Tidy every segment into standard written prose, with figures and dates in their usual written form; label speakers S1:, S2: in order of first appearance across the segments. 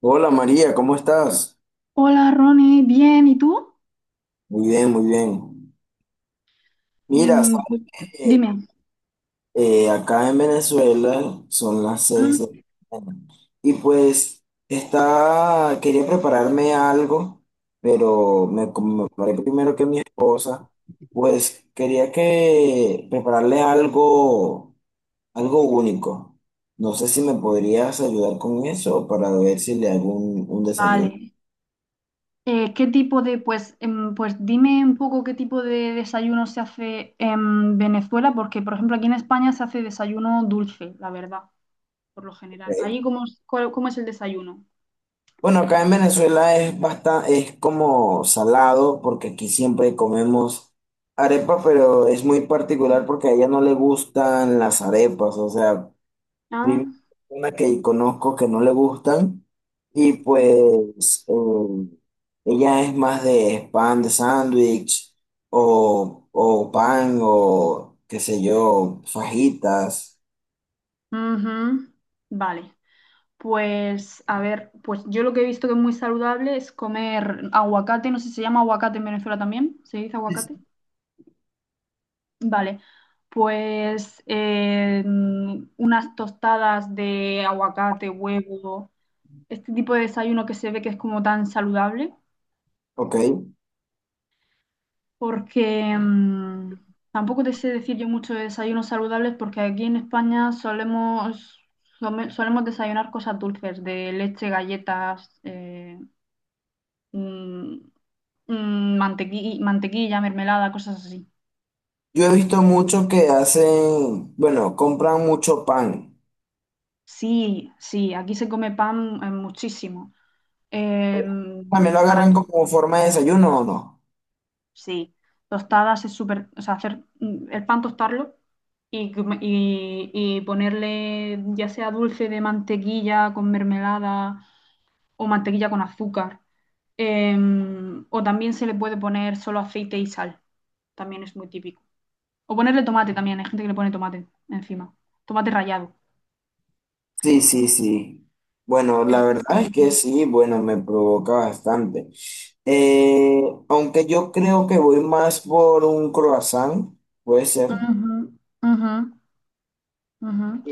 S1: Hola María, ¿cómo estás?
S2: Hola Ronnie, bien, ¿y tú?
S1: Muy bien, muy bien. Mira,
S2: Mm,
S1: sabes
S2: pues,
S1: que
S2: dime.
S1: acá en Venezuela son las seis de
S2: Ah,
S1: la mañana y pues está, quería prepararme algo, pero me, como me preparé primero que mi esposa, pues quería que prepararle algo, algo único. No sé si me podrías ayudar con eso para ver si le hago un desayuno.
S2: vale. ¿Qué tipo de, pues, pues dime un poco qué tipo de desayuno se hace en Venezuela, porque por ejemplo aquí en España se hace desayuno dulce, la verdad, por lo general. ¿Ahí
S1: ¿Ok?
S2: cómo, cómo es el desayuno?
S1: Bueno, acá en Venezuela es bastante, es como salado, porque aquí siempre
S2: Sí.
S1: comemos arepa, pero es muy particular porque a ella no le gustan las arepas, o sea, primera
S2: Ah,
S1: persona que conozco que no le gustan, y pues ella es más de pan de sándwich, o pan, o qué sé yo, fajitas.
S2: ujú. Vale. Pues a ver, pues yo lo que he visto que es muy saludable es comer aguacate, no sé si se llama aguacate en Venezuela también, ¿se dice
S1: Sí,
S2: aguacate?
S1: sí.
S2: Vale, pues unas tostadas de aguacate, huevo, este tipo de desayuno que se ve que es como tan saludable,
S1: Ok,
S2: porque tampoco te sé decir yo mucho de desayunos saludables, porque aquí en España solemos desayunar cosas dulces, de leche, galletas, mm, mantequilla, mermelada, cosas así.
S1: yo he visto mucho que hacen, bueno, compran mucho pan.
S2: Sí, sí, aquí se come pan muchísimo.
S1: También
S2: Em,
S1: lo
S2: para,
S1: agarran como forma de desayuno, ¿o no?
S2: sí, tostadas es súper, o sea, hacer el pan tostarlo y, y ponerle ya sea dulce de mantequilla con mermelada o mantequilla con azúcar. O también se le puede poner solo aceite y sal, también es muy típico. O ponerle tomate también, hay gente que le pone tomate encima, tomate rallado.
S1: Sí, sí, sí. Bueno, la
S2: Eso es
S1: verdad es
S2: muy
S1: que
S2: típico.
S1: sí, bueno, me provoca bastante. Eh, aunque yo creo que voy más por un croissant, puede ser.
S2: Ujú, ujú, ujú.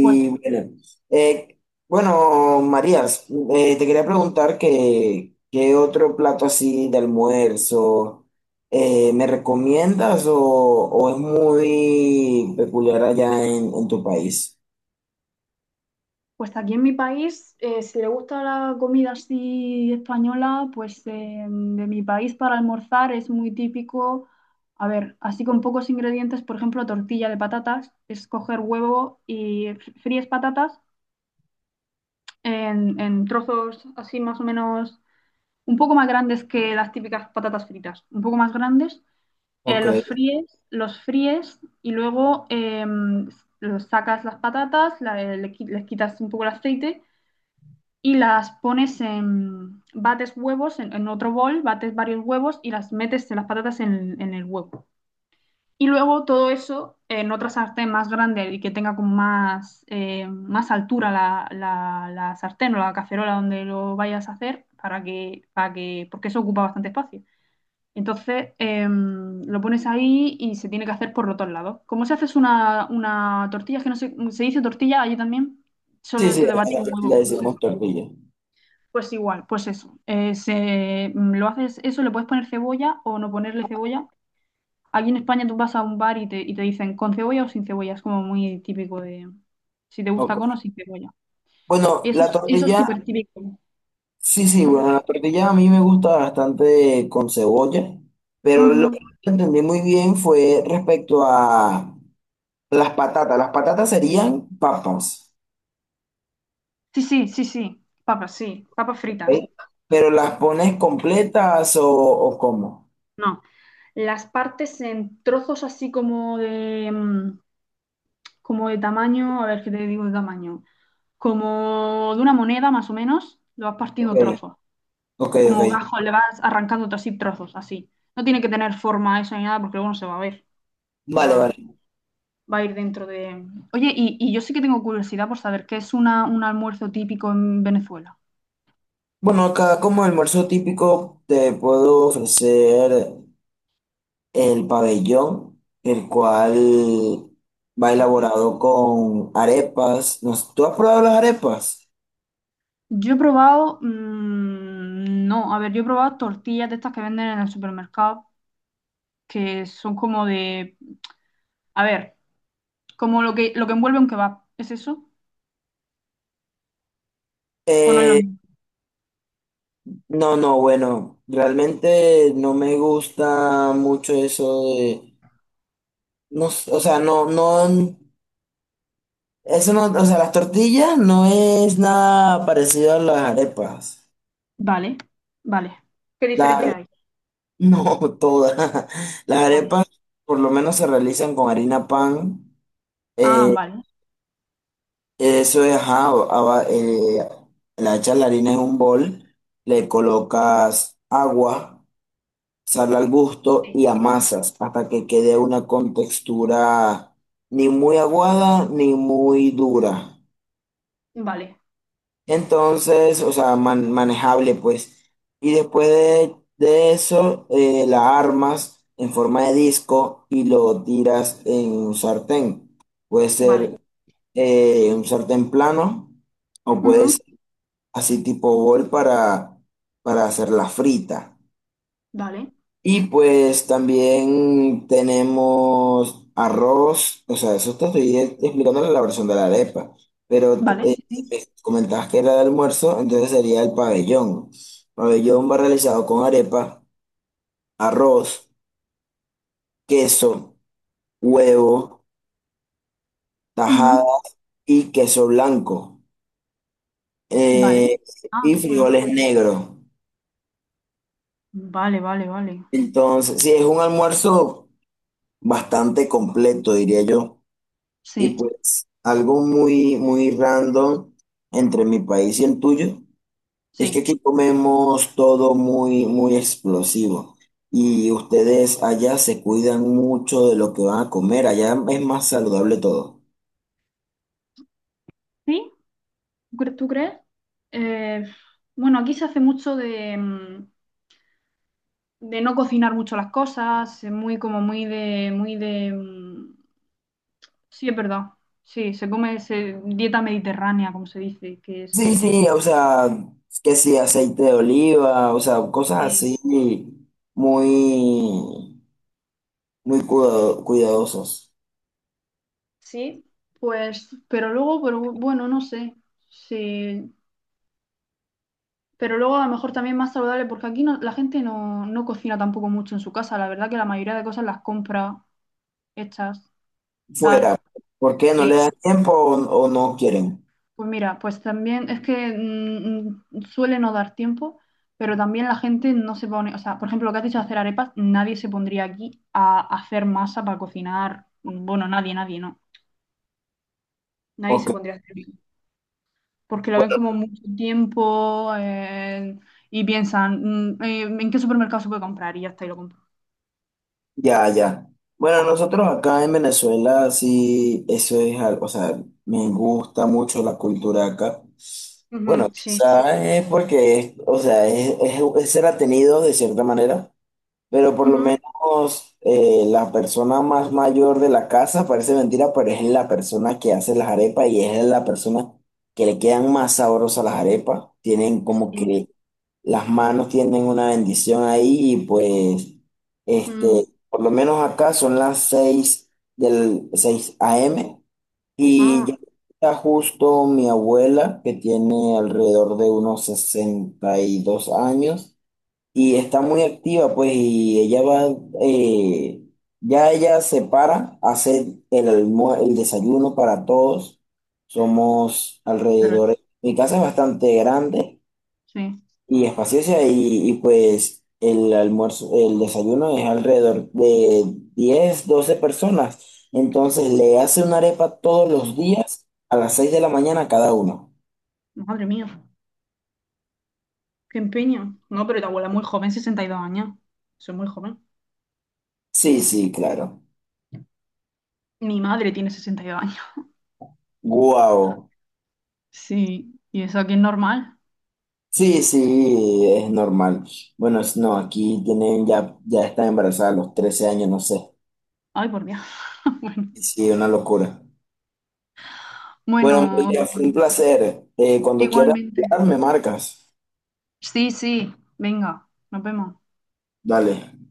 S2: Pues
S1: bueno, eh, bueno, Marías, te quería preguntar que, qué otro plato así de almuerzo me recomiendas o es muy peculiar allá en tu país.
S2: Pues aquí en mi país, si le gusta la comida así española, pues de mi país para almorzar es muy típico, a ver, así con pocos ingredientes, por ejemplo, tortilla de patatas, es coger huevo y fríes patatas en trozos así más o menos un poco más grandes que las típicas patatas fritas, un poco más grandes,
S1: Ok.
S2: los fríes y luego em, los sacas las patatas, les quitas un poco el aceite y las pones en, bates huevos en otro bol, bates varios huevos y las metes las patatas en el huevo. Y luego todo eso en otra sartén más grande y que tenga como más, más altura la, la sartén o la cacerola donde lo vayas a hacer para que, porque eso ocupa bastante espacio. Entonces lo pones ahí y se tiene que hacer por los dos lados. ¿Cómo se hace es una tortilla? Es que no sé, se dice tortilla allí también.
S1: Sí,
S2: Solo esto
S1: sí,
S2: de batir
S1: acá le
S2: huevos.
S1: decimos tortilla.
S2: Pues igual, pues eso. Lo haces eso, le puedes poner cebolla o no ponerle cebolla. Aquí en España tú vas a un bar y te dicen con cebolla o sin cebolla. Es como muy típico de si te gusta con
S1: Ok.
S2: o sin cebolla.
S1: Bueno,
S2: Eso,
S1: la
S2: eso es
S1: tortilla,
S2: súper típico.
S1: sí, sí,
S2: Ujú,
S1: bueno, la tortilla a mí me gusta bastante con cebolla, pero lo
S2: ujú.
S1: que no entendí muy bien fue respecto a las patatas. Las patatas serían papas,
S2: Sí, sí, sí, sí. Papas, sí. Papas fritas.
S1: ¿ok? Pero las pones completas o cómo.
S2: No. Las partes en trozos así como de, como de tamaño, a ver qué te digo de tamaño. Como de una moneda más o menos, lo vas
S1: Ok,
S2: partiendo trozos.
S1: ok,
S2: Como
S1: ok.
S2: gajo, le vas arrancando así trozos, así. No tiene que tener forma eso ni nada porque luego no se va a ver.
S1: Vale, vale.
S2: Va, va a ir dentro de... Oye, y yo sí que tengo curiosidad por saber qué es una, un almuerzo típico en Venezuela.
S1: Bueno, acá como almuerzo típico te puedo ofrecer el pabellón, el cual va
S2: A ver,
S1: elaborado con arepas. No sé, ¿tú has probado las arepas?
S2: yo he probado... no, a ver, yo he probado tortillas de estas que venden en el supermercado que son como de... A ver, como lo que envuelve un kebab. ¿Es eso? ¿O no es lo
S1: Eh,
S2: mismo?
S1: no, no, bueno, realmente no me gusta mucho eso de, no, s- o sea, no, no, eso no, o sea, las tortillas no es nada parecido a las arepas.
S2: Vale, vale. ¿Qué
S1: La-
S2: diferencia hay?
S1: no, todas. Las
S2: Vale.
S1: arepas por lo menos se realizan con harina pan.
S2: Ah,
S1: eh,
S2: vale.
S1: Eso es, ajá, aba- la hecha la harina en un bol, le colocas agua, sal al gusto y
S2: Sí.
S1: amasas hasta que quede una contextura ni muy aguada ni muy dura.
S2: Vale.
S1: Entonces, o sea, man- manejable pues. Y después de eso, la armas en forma de disco y lo tiras en un sartén. Puede
S2: Vale.
S1: ser un sartén plano. O puede
S2: Ujú.
S1: así tipo bol para hacer la frita.
S2: Vale.
S1: Y pues también tenemos arroz, o sea, eso te estoy explicando la versión de la arepa, pero
S2: Vale, sí, sí.
S1: me comentabas que era de almuerzo, entonces sería el pabellón. Pabellón va realizado con arepa, arroz, queso, huevo,
S2: Ujú.
S1: tajada y queso blanco eh,
S2: Vale. Ah,
S1: y
S2: queso blanco.
S1: frijoles negros.
S2: Vale, vale, vale.
S1: Entonces, si es un almuerzo bastante completo, diría yo. Y
S2: Sí,
S1: pues algo muy, muy random entre mi país y el tuyo es que
S2: sí.
S1: aquí comemos todo muy, muy explosivo. Y ustedes allá se cuidan mucho de lo que van a comer. Allá es más saludable todo.
S2: ¿Sí? ¿Tú tú crees? Eh, bueno, aquí se hace mucho de, de no cocinar mucho las cosas, muy como muy de, sí, es verdad. Sí, se come dieta mediterránea, como se dice, que es.
S1: Sí, sí, o sea, que sí, aceite de oliva, o sea, cosas
S2: Sí.
S1: así muy, muy cuidadosas.
S2: Sí, pues, pero luego, pero bueno, no sé. Sí. Pero luego a lo mejor también más saludable, porque aquí la gente no, no cocina tampoco mucho en su casa. La verdad que la mayoría de cosas las compra hechas,
S1: Fuera,
S2: tal.
S1: ¿por qué no le
S2: Sí.
S1: dan tiempo o no quieren?
S2: Pues mira, pues también es que suele no dar tiempo, pero también la gente no se pone, o sea, por ejemplo, lo que has dicho de hacer arepas, nadie se pondría aquí a hacer masa para cocinar. Bueno, nadie, nadie, no. Nadie
S1: Ok,
S2: se pondría a hacer eso. Porque lo ven
S1: bueno,
S2: como mucho tiempo y piensan, ¿en qué supermercado se puede comprar? Y ya está, y lo compro.
S1: ya, ya. Bueno, nosotros acá en Venezuela sí, eso es algo, o sea, me gusta mucho la cultura acá. Bueno,
S2: Ujú, sí.
S1: quizás es porque, es- o sea, es ser atenido de cierta manera, pero por lo
S2: Ujú,
S1: menos la persona más mayor de la casa, parece mentira, pero es la persona que hace las arepas y es la persona que le quedan más sabrosas las arepas. Tienen como
S2: Sí.
S1: que las manos tienen una bendición ahí y pues,
S2: Mm.
S1: este, por lo menos acá son las 6 del 6 AM y ya
S2: Ah,
S1: está justo mi abuela que tiene alrededor de unos 62 años y está muy activa pues y ella va, eh, ya ella se para, hace el, almuer- el desayuno para todos. Somos
S2: pero
S1: alrededor, mi casa es bastante grande
S2: sí.
S1: y espaciosa y, pues el almuerzo, el desayuno es alrededor de 10 12 personas. Entonces le hace una arepa todos los
S2: Mm,
S1: días a las 6 de la mañana cada uno.
S2: madre mía, qué empeño. No, pero tu abuela es muy joven, 62 años. Soy muy joven.
S1: Sí, sí, claro.
S2: Mi madre tiene 62 años.
S1: Guau.
S2: Sí, y eso aquí es normal.
S1: Sí, sí, es normal. Bueno, es- no, aquí tienen ya, ya están embarazadas a los 13 años, no sé.
S2: Ay, por Dios.
S1: Sí, una locura. Bueno,
S2: Bueno, bueno,
S1: María, fue un placer. Cuando quieras,
S2: igualmente.
S1: hablar, me marcas.
S2: Sí, sí, venga, nos vemos.
S1: Dale.